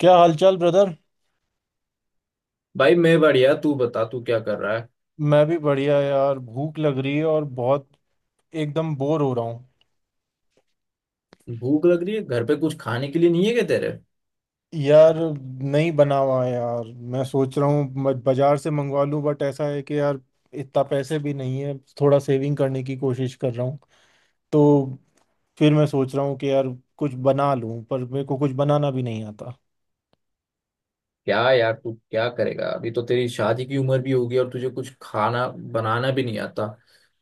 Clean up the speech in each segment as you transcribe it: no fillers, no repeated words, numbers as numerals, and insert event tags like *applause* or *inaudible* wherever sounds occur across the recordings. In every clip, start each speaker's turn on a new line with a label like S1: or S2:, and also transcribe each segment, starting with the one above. S1: क्या हालचाल ब्रदर।
S2: भाई मैं बढ़िया। तू बता, तू क्या कर रहा है।
S1: मैं भी बढ़िया यार, भूख लग रही है और बहुत एकदम बोर हो रहा हूँ।
S2: भूख लग रही है, घर पे कुछ खाने के लिए नहीं है क्या तेरे।
S1: यार नहीं बना हुआ है यार। मैं सोच रहा हूँ बाजार से मंगवा लूँ, बट ऐसा है कि यार इतना पैसे भी नहीं है, थोड़ा सेविंग करने की कोशिश कर रहा हूँ। तो फिर मैं सोच रहा हूँ कि यार कुछ बना लूँ, पर मेरे को कुछ बनाना भी नहीं आता।
S2: क्या यार, तू क्या करेगा, अभी तो तेरी शादी की उम्र भी होगी और तुझे कुछ खाना बनाना भी नहीं आता।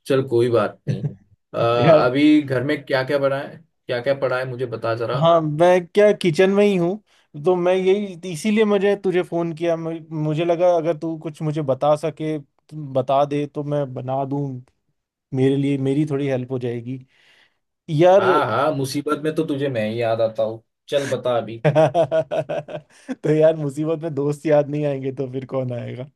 S2: चल, कोई बात नहीं।
S1: *laughs* यार।
S2: अभी घर में क्या क्या बना है, क्या क्या पड़ा है मुझे बता जरा।
S1: हाँ, मैं क्या किचन में ही हूँ, तो मैं यही इसीलिए मुझे तुझे फोन किया, मुझे लगा अगर तू कुछ मुझे बता सके, तू बता दे तो मैं बना दूं, मेरे लिए मेरी थोड़ी हेल्प हो जाएगी यार।
S2: हाँ हाँ, मुसीबत में तो तुझे मैं ही याद आता हूँ। चल बता अभी।
S1: *laughs* तो यार मुसीबत में दोस्त याद नहीं आएंगे तो फिर कौन आएगा।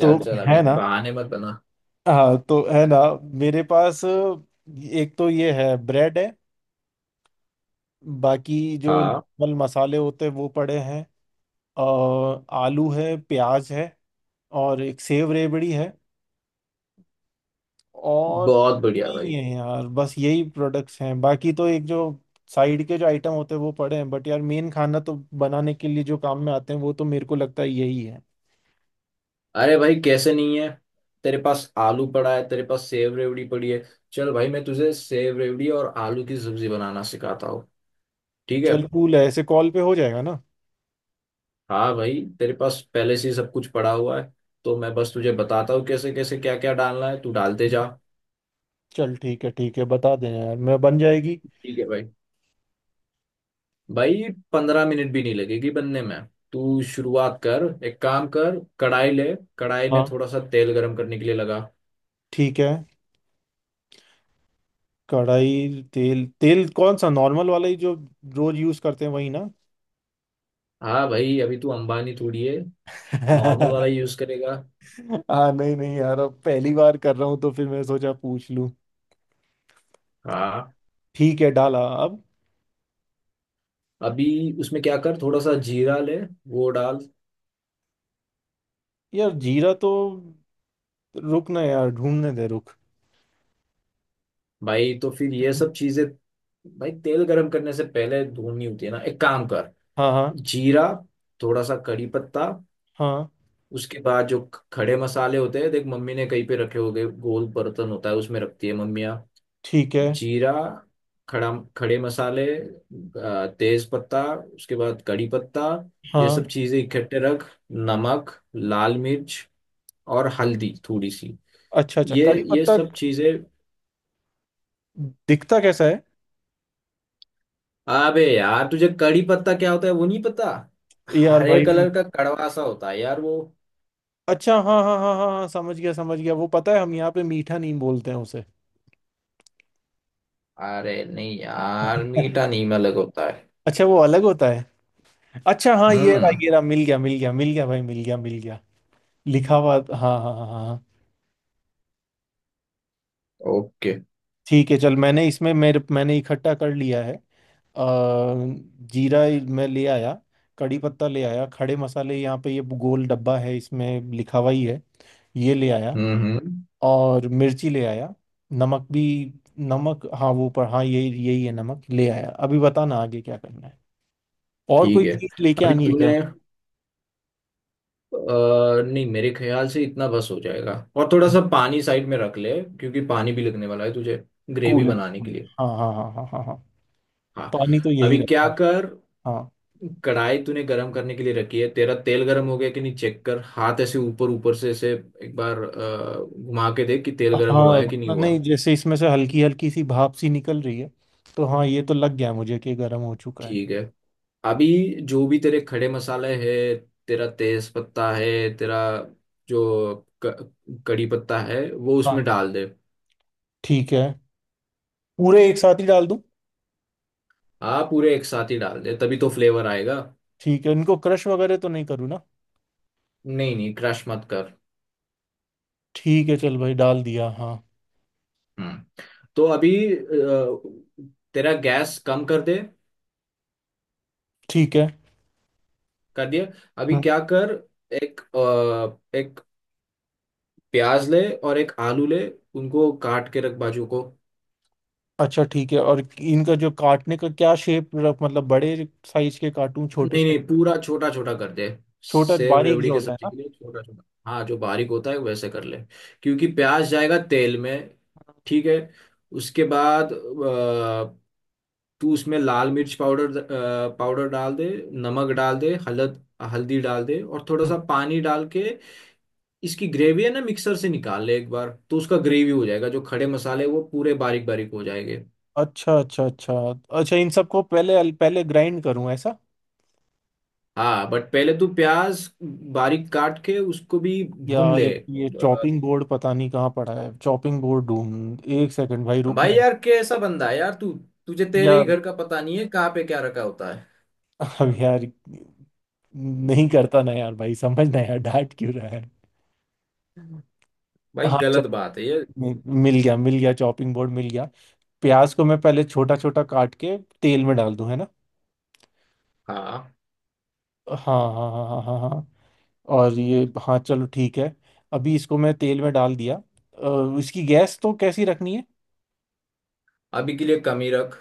S1: तो
S2: चल, अभी
S1: है ना।
S2: बहाने मत बना।
S1: हाँ, तो है ना। मेरे पास एक तो ये है, ब्रेड है, बाकी जो
S2: हाँ,
S1: नॉर्मल मसाले होते हैं वो पड़े हैं, और आलू है, प्याज है, और एक सेव रेबड़ी है, और
S2: बहुत बढ़िया
S1: नहीं
S2: भाई।
S1: है यार, बस यही प्रोडक्ट्स हैं, बाकी तो एक जो साइड के जो आइटम होते हैं वो पड़े हैं, बट यार मेन खाना तो बनाने के लिए जो काम में आते हैं वो तो मेरे को लगता है यही है।
S2: अरे भाई, कैसे नहीं है। तेरे पास आलू पड़ा है, तेरे पास सेव रेवड़ी पड़ी है। चल भाई, मैं तुझे सेव रेवड़ी और आलू की सब्जी बनाना सिखाता हूँ। ठीक है।
S1: चल कूल है, ऐसे कॉल पे हो जाएगा ना।
S2: हाँ भाई, तेरे पास पहले से ही सब कुछ पड़ा हुआ है। तो मैं बस तुझे बताता हूँ कैसे कैसे क्या क्या डालना है, तू डालते जा।
S1: चल ठीक है, ठीक है, बता देना यार, मैं बन जाएगी।
S2: ठीक है भाई। भाई, 15 मिनट भी नहीं लगेगी बनने में। तू शुरुआत कर, एक काम कर, कढ़ाई ले। कढ़ाई में
S1: हाँ,
S2: थोड़ा सा तेल गरम करने के लिए लगा।
S1: ठीक है। कढ़ाई, तेल तेल कौन सा, नॉर्मल वाला ही जो रोज यूज करते हैं वही ना?
S2: हाँ भाई, अभी तू अंबानी थोड़ी है। नॉर्मल वाला
S1: *laughs*
S2: यूज करेगा।
S1: हाँ, नहीं नहीं यार, अब पहली बार कर रहा हूँ तो फिर मैं सोचा पूछ लूँ।
S2: हाँ।
S1: ठीक है, डाला अब।
S2: अभी उसमें क्या कर, थोड़ा सा जीरा ले, वो डाल।
S1: यार जीरा तो, रुक ना यार, ढूंढने दे, रुक।
S2: भाई तो फिर ये सब चीजें, भाई तेल गरम करने से पहले भूननी होती है ना, एक काम कर।
S1: हाँ हाँ
S2: जीरा, थोड़ा सा कड़ी पत्ता,
S1: हाँ।
S2: उसके बाद जो खड़े मसाले होते हैं, देख मम्मी ने कहीं पे रखे होंगे, गोल बर्तन होता है उसमें रखती है मम्मियाँ।
S1: ठीक है।
S2: जीरा, खड़ा, खड़े मसाले, तेज पत्ता उसके बाद कड़ी पत्ता। ये सब
S1: हाँ।
S2: चीजें इकट्ठे रख। नमक, लाल मिर्च और हल्दी थोड़ी सी।
S1: अच्छा अच्छा,
S2: ये
S1: कड़ी
S2: ये
S1: पत्ता
S2: सब चीजें।
S1: दिखता कैसा है?
S2: अबे यार, तुझे कड़ी पत्ता क्या होता है वो नहीं पता।
S1: यार
S2: हरे
S1: भाई
S2: कलर का कड़वा सा होता है यार वो।
S1: अच्छा, हाँ हाँ हाँ हाँ हाँ, समझ गया, समझ गया, वो पता है, हम यहाँ पे मीठा नीम बोलते हैं उसे।
S2: अरे नहीं यार, मीठा नीम अलग होता है।
S1: अच्छा, वो अलग होता है। अच्छा हाँ, ये रहा
S2: हम्म।
S1: ये रहा, मिल गया मिल गया मिल गया भाई, मिल गया मिल गया। लिखा हुआ हाँ। हाँ हाँ हाँ हाँ।
S2: ओके।
S1: ठीक है चल, मैंने इसमें मेरे मैंने इकट्ठा कर लिया है। अ, जीरा ही मैं ले आया, कड़ी पत्ता ले आया, खड़े मसाले यहाँ पे ये गोल डब्बा है इसमें लिखा हुआ ही है, ये ले आया,
S2: हम्म।
S1: और मिर्ची ले आया, नमक भी। नमक हाँ वो पर हाँ, यही यही है, नमक ले आया। अभी बताना आगे क्या करना है, और
S2: ठीक
S1: कोई
S2: है।
S1: चीज लेके
S2: अभी
S1: आनी है क्या?
S2: तूने नहीं, मेरे ख्याल से इतना बस हो जाएगा, और थोड़ा सा पानी साइड में रख ले। क्योंकि पानी भी लगने वाला है तुझे, ग्रेवी
S1: कूल। हाँ
S2: बनाने के लिए।
S1: हाँ हाँ हाँ हाँ हाँ।
S2: हाँ।
S1: पानी तो यही
S2: अभी
S1: रखा
S2: क्या
S1: हूँ।
S2: कर,
S1: हाँ।
S2: कढ़ाई तूने गरम करने के लिए रखी है, तेरा तेल गरम हो गया कि नहीं चेक कर, हाथ ऐसे ऊपर ऊपर से ऐसे एक बार घुमा के देख कि तेल गरम हुआ है कि नहीं
S1: हाँ
S2: हुआ।
S1: नहीं, जैसे इसमें से हल्की हल्की सी भाप सी निकल रही है, तो हाँ ये तो लग गया मुझे कि गर्म हो चुका है।
S2: ठीक है। अभी जो भी तेरे खड़े मसाले है, तेरा तेज पत्ता है, तेरा जो क- कड़ी पत्ता है वो
S1: हाँ
S2: उसमें डाल दे।
S1: ठीक है, पूरे एक साथ ही डाल दूं?
S2: हाँ, पूरे एक साथ ही डाल दे, तभी तो फ्लेवर आएगा।
S1: ठीक है, इनको क्रश वगैरह तो नहीं करूँ ना?
S2: नहीं नहीं, क्रश मत कर।
S1: ठीक है चल भाई, डाल दिया। हाँ।
S2: हम्म। तो अभी तेरा गैस कम कर दे।
S1: ठीक है।
S2: कर दिया। अभी
S1: हम्म,
S2: क्या कर, एक एक प्याज ले और एक आलू ले, उनको काट के रख बाजू को।
S1: अच्छा ठीक है, और इनका जो काटने का क्या शेप, मतलब बड़े साइज के काटूं, छोटे
S2: नहीं
S1: साइज?
S2: नहीं, पूरा छोटा छोटा कर दे,
S1: छोटा
S2: सेव
S1: बारीक
S2: रेवड़ी
S1: जो
S2: के
S1: होता है
S2: सब्जी
S1: ना।
S2: के लिए छोटा छोटा। हाँ, जो बारीक होता है वैसे कर ले। क्योंकि प्याज जाएगा तेल में। ठीक है। उसके बाद तू उसमें लाल मिर्च पाउडर पाउडर डाल दे, नमक डाल दे, हलद हल्दी डाल दे और थोड़ा
S1: हम्म।
S2: सा पानी डाल के, इसकी ग्रेवी है ना, मिक्सर से निकाल ले एक बार तो उसका ग्रेवी हो जाएगा, जो खड़े मसाले वो पूरे बारीक बारीक हो जाएंगे।
S1: अच्छा अच्छा अच्छा, अच्छा इन सबको पहले पहले ग्राइंड करूं ऐसा?
S2: हाँ बट पहले तू प्याज बारीक काट के उसको भी भून
S1: यार
S2: ले
S1: एक ये चॉपिंग बोर्ड पता नहीं कहाँ पड़ा है, चॉपिंग बोर्ड ढूंढ, एक सेकंड भाई,
S2: भाई
S1: रुकना है।
S2: यार, कैसा बंदा है यार तू, तुझे तेरे ही
S1: यार,
S2: घर का पता नहीं है कहाँ पे क्या रखा होता है।
S1: अब यार, नहीं करता ना यार, भाई समझ ना यार, डांट क्यों रहा है।
S2: भाई
S1: हाँ चल,
S2: गलत बात है ये।
S1: मि- मिल गया मिल गया, चॉपिंग बोर्ड मिल गया। प्याज को मैं पहले छोटा छोटा काट के तेल में डाल दूं है ना?
S2: हाँ,
S1: हाँ हाँ हाँ हाँ हाँ हाँ, और ये हाँ चलो ठीक है। अभी इसको मैं तेल में डाल दिया, इसकी गैस तो कैसी रखनी है?
S2: अभी के लिए कम ही रख।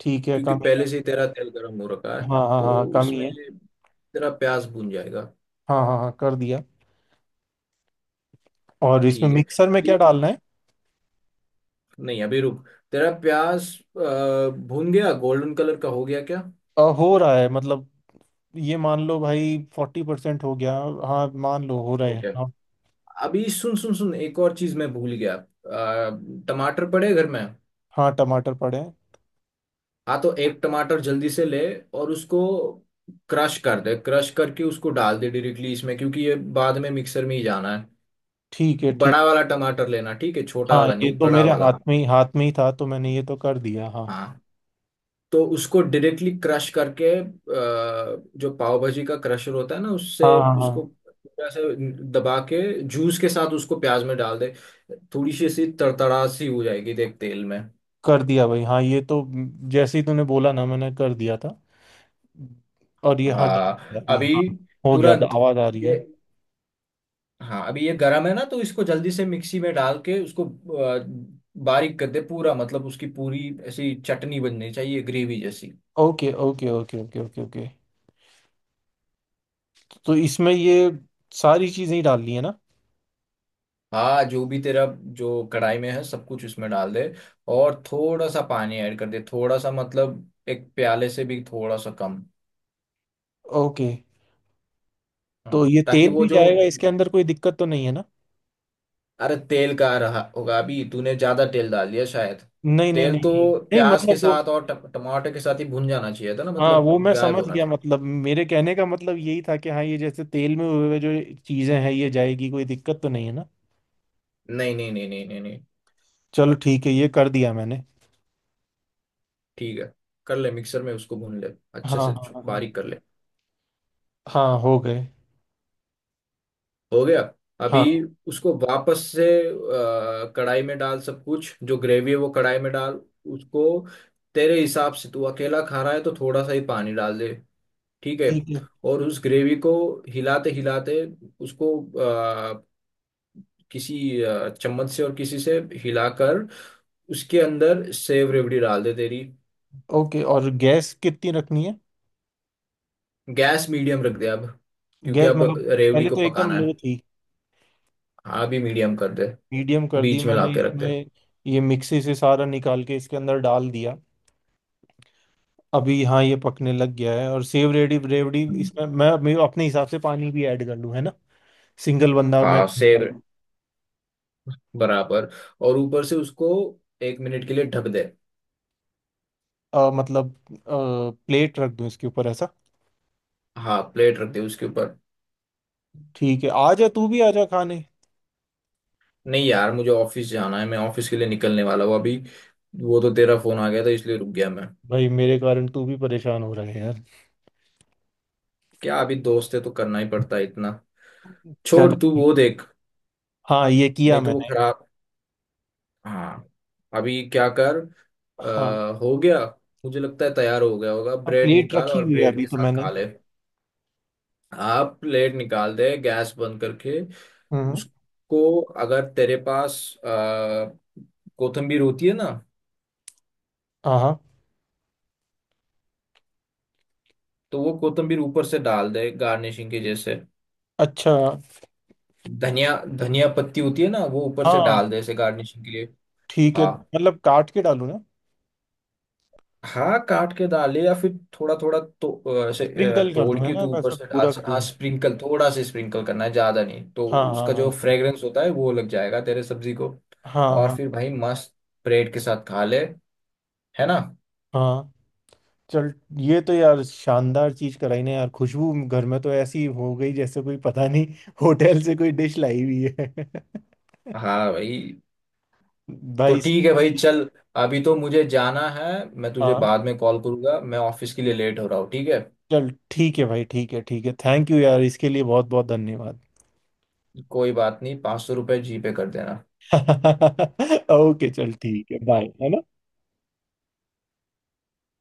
S1: ठीक है,
S2: क्योंकि
S1: कम ही है।
S2: पहले से ही तेरा तेल गर्म हो रखा है,
S1: हाँ हाँ
S2: तो
S1: हाँ, कम ही
S2: उसमें
S1: है।
S2: तेरा प्याज भून जाएगा।
S1: हाँ हाँ हाँ, कर दिया, और इसमें
S2: ठीक है।
S1: मिक्सर में
S2: अभी,
S1: क्या डालना है?
S2: नहीं अभी रुक, तेरा प्याज अ, भून गया, गोल्डन कलर का हो गया क्या।
S1: हो रहा है मतलब, ये मान लो भाई 40% हो गया। हाँ मान लो, हो रहे
S2: ओके।
S1: हैं हाँ।
S2: अभी सुन सुन सुन, एक और चीज मैं भूल गया, टमाटर पड़े घर में।
S1: हाँ, टमाटर पड़े हैं।
S2: हाँ, तो एक टमाटर जल्दी से ले और उसको क्रश कर दे, क्रश करके उसको डाल दे डायरेक्टली इसमें, क्योंकि ये बाद में मिक्सर में ही जाना है।
S1: ठीक है, ठीक।
S2: बड़ा वाला टमाटर लेना, ठीक है, छोटा
S1: हाँ
S2: वाला
S1: ये
S2: नहीं,
S1: तो
S2: बड़ा
S1: मेरे
S2: वाला।
S1: हाथ में ही था, तो मैंने ये तो कर दिया हाँ।
S2: हाँ, तो उसको डायरेक्टली क्रश करके जो पाव भाजी का क्रशर होता है ना, उससे
S1: हाँ हाँ हाँ,
S2: उसको पूरा से दबा के जूस के साथ उसको प्याज में डाल दे। थोड़ी सी सी तड़तड़ा सी हो जाएगी देख तेल में।
S1: कर दिया भाई हाँ, ये तो जैसे ही तूने बोला ना मैंने कर दिया था। और ये हाँ, डन हो गया
S2: हाँ,
S1: अभी,
S2: अभी
S1: हाँ। हो गया।
S2: तुरंत
S1: आवाज आ रही
S2: ये,
S1: है।
S2: हाँ अभी ये गरम है ना, तो इसको जल्दी से मिक्सी में डाल के उसको बारीक कर दे पूरा, मतलब उसकी पूरी ऐसी चटनी बननी चाहिए ग्रेवी जैसी।
S1: Okay okay okay okay okay okay, तो इसमें ये सारी चीजें ही डालनी है ना?
S2: हाँ, जो भी तेरा, जो कढ़ाई में है सब कुछ उसमें डाल दे। और थोड़ा सा पानी ऐड कर दे, थोड़ा सा मतलब एक प्याले से भी थोड़ा सा कम।
S1: ओके, तो
S2: हाँ,
S1: ये
S2: ताकि
S1: तेल
S2: वो
S1: भी
S2: जो,
S1: जाएगा इसके अंदर, कोई दिक्कत तो नहीं है ना?
S2: अरे तेल का रहा होगा, अभी तूने ज्यादा तेल डाल दिया शायद।
S1: नहीं नहीं
S2: तेल
S1: नहीं
S2: तो
S1: नहीं नहीं,
S2: प्याज के
S1: मतलब वो,
S2: साथ और टमाटर के साथ ही भुन जाना चाहिए था ना,
S1: हाँ
S2: मतलब
S1: वो मैं
S2: गायब
S1: समझ
S2: होना
S1: गया
S2: चाहिए।
S1: मतलब, मेरे कहने का मतलब यही था कि हाँ, ये जैसे तेल में हुए हुए जो चीजें हैं ये जाएगी, कोई दिक्कत तो नहीं है ना?
S2: नहीं नहीं नहीं नहीं नहीं नहीं।
S1: चलो ठीक है, ये कर दिया मैंने।
S2: ठीक है। कर ले मिक्सर में उसको भून ले,
S1: हाँ
S2: अच्छे से
S1: हाँ हाँ हाँ
S2: बारीक कर ले।
S1: हाँ, हो गए।
S2: हो गया। अभी
S1: हाँ।
S2: उसको वापस से कढ़ाई में डाल सब कुछ, जो ग्रेवी है वो कढ़ाई में डाल, उसको तेरे हिसाब से तू अकेला खा रहा है तो थोड़ा सा ही पानी डाल दे। ठीक है।
S1: ठीक है।
S2: और उस ग्रेवी को हिलाते हिलाते उसको अ, किसी चम्मच से और किसी से हिलाकर उसके अंदर सेव रेवड़ी डाल दे तेरी।
S1: ओके, और गैस कितनी रखनी है?
S2: गैस मीडियम रख दे अब, क्योंकि
S1: गैस
S2: अब
S1: मतलब,
S2: रेवड़ी
S1: पहले
S2: को
S1: तो एकदम
S2: पकाना है।
S1: लो थी।
S2: हाँ भी मीडियम कर दे,
S1: मीडियम कर दी
S2: बीच में
S1: मैंने
S2: लाके रख दे।
S1: इसमें, ये मिक्सी से सारा निकाल के इसके अंदर डाल दिया। अभी हाँ, ये पकने लग गया है, और सेव रेडी रेवड़ी
S2: हम्म।
S1: इसमें, मैं अपने हिसाब से पानी भी ऐड कर लूँ है ना? सिंगल बंदा मैं।
S2: हाँ सेव बराबर, और ऊपर से उसको एक मिनट के लिए ढक दे।
S1: मतलब प्लेट रख दूँ इसके ऊपर ऐसा?
S2: हाँ, प्लेट रख दे उसके ऊपर।
S1: ठीक है, आ जा तू भी आ जा खाने।
S2: नहीं यार, मुझे ऑफिस जाना है, मैं ऑफिस के लिए निकलने वाला हूँ अभी। वो तो तेरा फोन आ गया था इसलिए रुक गया मैं।
S1: भाई मेरे कारण तू भी परेशान हो रहा है यार।
S2: क्या, अभी दोस्त है तो करना ही पड़ता है इतना। छोड़
S1: चल।
S2: तू वो देख,
S1: हाँ ये किया
S2: नहीं तो वो
S1: मैंने।
S2: खराब। हाँ। अभी क्या कर,
S1: हाँ।
S2: हो गया, मुझे लगता है तैयार हो गया होगा,
S1: हाँ,
S2: ब्रेड
S1: प्लेट
S2: निकाल
S1: रखी
S2: और
S1: हुई है
S2: ब्रेड
S1: अभी
S2: के
S1: तो
S2: साथ
S1: मैंने।
S2: खा ले। आप प्लेट निकाल दे गैस बंद करके।
S1: हम्म।
S2: उसको अगर तेरे पास आ, कोथिम्बीर होती है ना,
S1: हाँ हाँ।
S2: तो वो कोथिम्बीर ऊपर से डाल दे गार्निशिंग के जैसे,
S1: अच्छा।
S2: धनिया धनिया पत्ती होती है ना, वो ऊपर से
S1: हाँ
S2: डाल दे ऐसे गार्निशिंग के लिए।
S1: ठीक है,
S2: हाँ,
S1: मतलब काट के डालूँ ना?
S2: हाँ काट के डाले या फिर थोड़ा थोड़ा तो ऐसे
S1: स्प्रिंकल कर
S2: तोड़
S1: दूँ है
S2: के
S1: ना,
S2: तू ऊपर
S1: वैसा
S2: से डाल
S1: पूरा
S2: से। हाँ
S1: करूँ?
S2: स्प्रिंकल, थोड़ा सा स्प्रिंकल करना है, ज्यादा नहीं, तो
S1: हाँ हाँ
S2: उसका जो
S1: हाँ
S2: फ्रेग्रेंस होता है वो लग जाएगा तेरे सब्जी को।
S1: हाँ
S2: और
S1: हाँ
S2: फिर भाई, मस्त ब्रेड के साथ खा ले, है ना।
S1: हाँ। चल, ये तो यार शानदार चीज कराई ना यार, खुशबू घर में तो ऐसी हो गई जैसे कोई पता नहीं, होटल से कोई डिश लाई हुई है।
S2: हाँ भाई,
S1: *laughs*
S2: तो
S1: भाई
S2: ठीक है भाई
S1: seriously।
S2: चल, अभी तो मुझे जाना है, मैं तुझे
S1: हाँ
S2: बाद में कॉल करूंगा, मैं ऑफिस के लिए लेट हो रहा हूँ। ठीक है।
S1: चल ठीक है भाई, ठीक है ठीक है, थैंक यू यार, इसके लिए बहुत बहुत धन्यवाद।
S2: कोई बात नहीं, ₹500 जी पे कर देना।
S1: *laughs* ओके चल ठीक है, बाय है ना।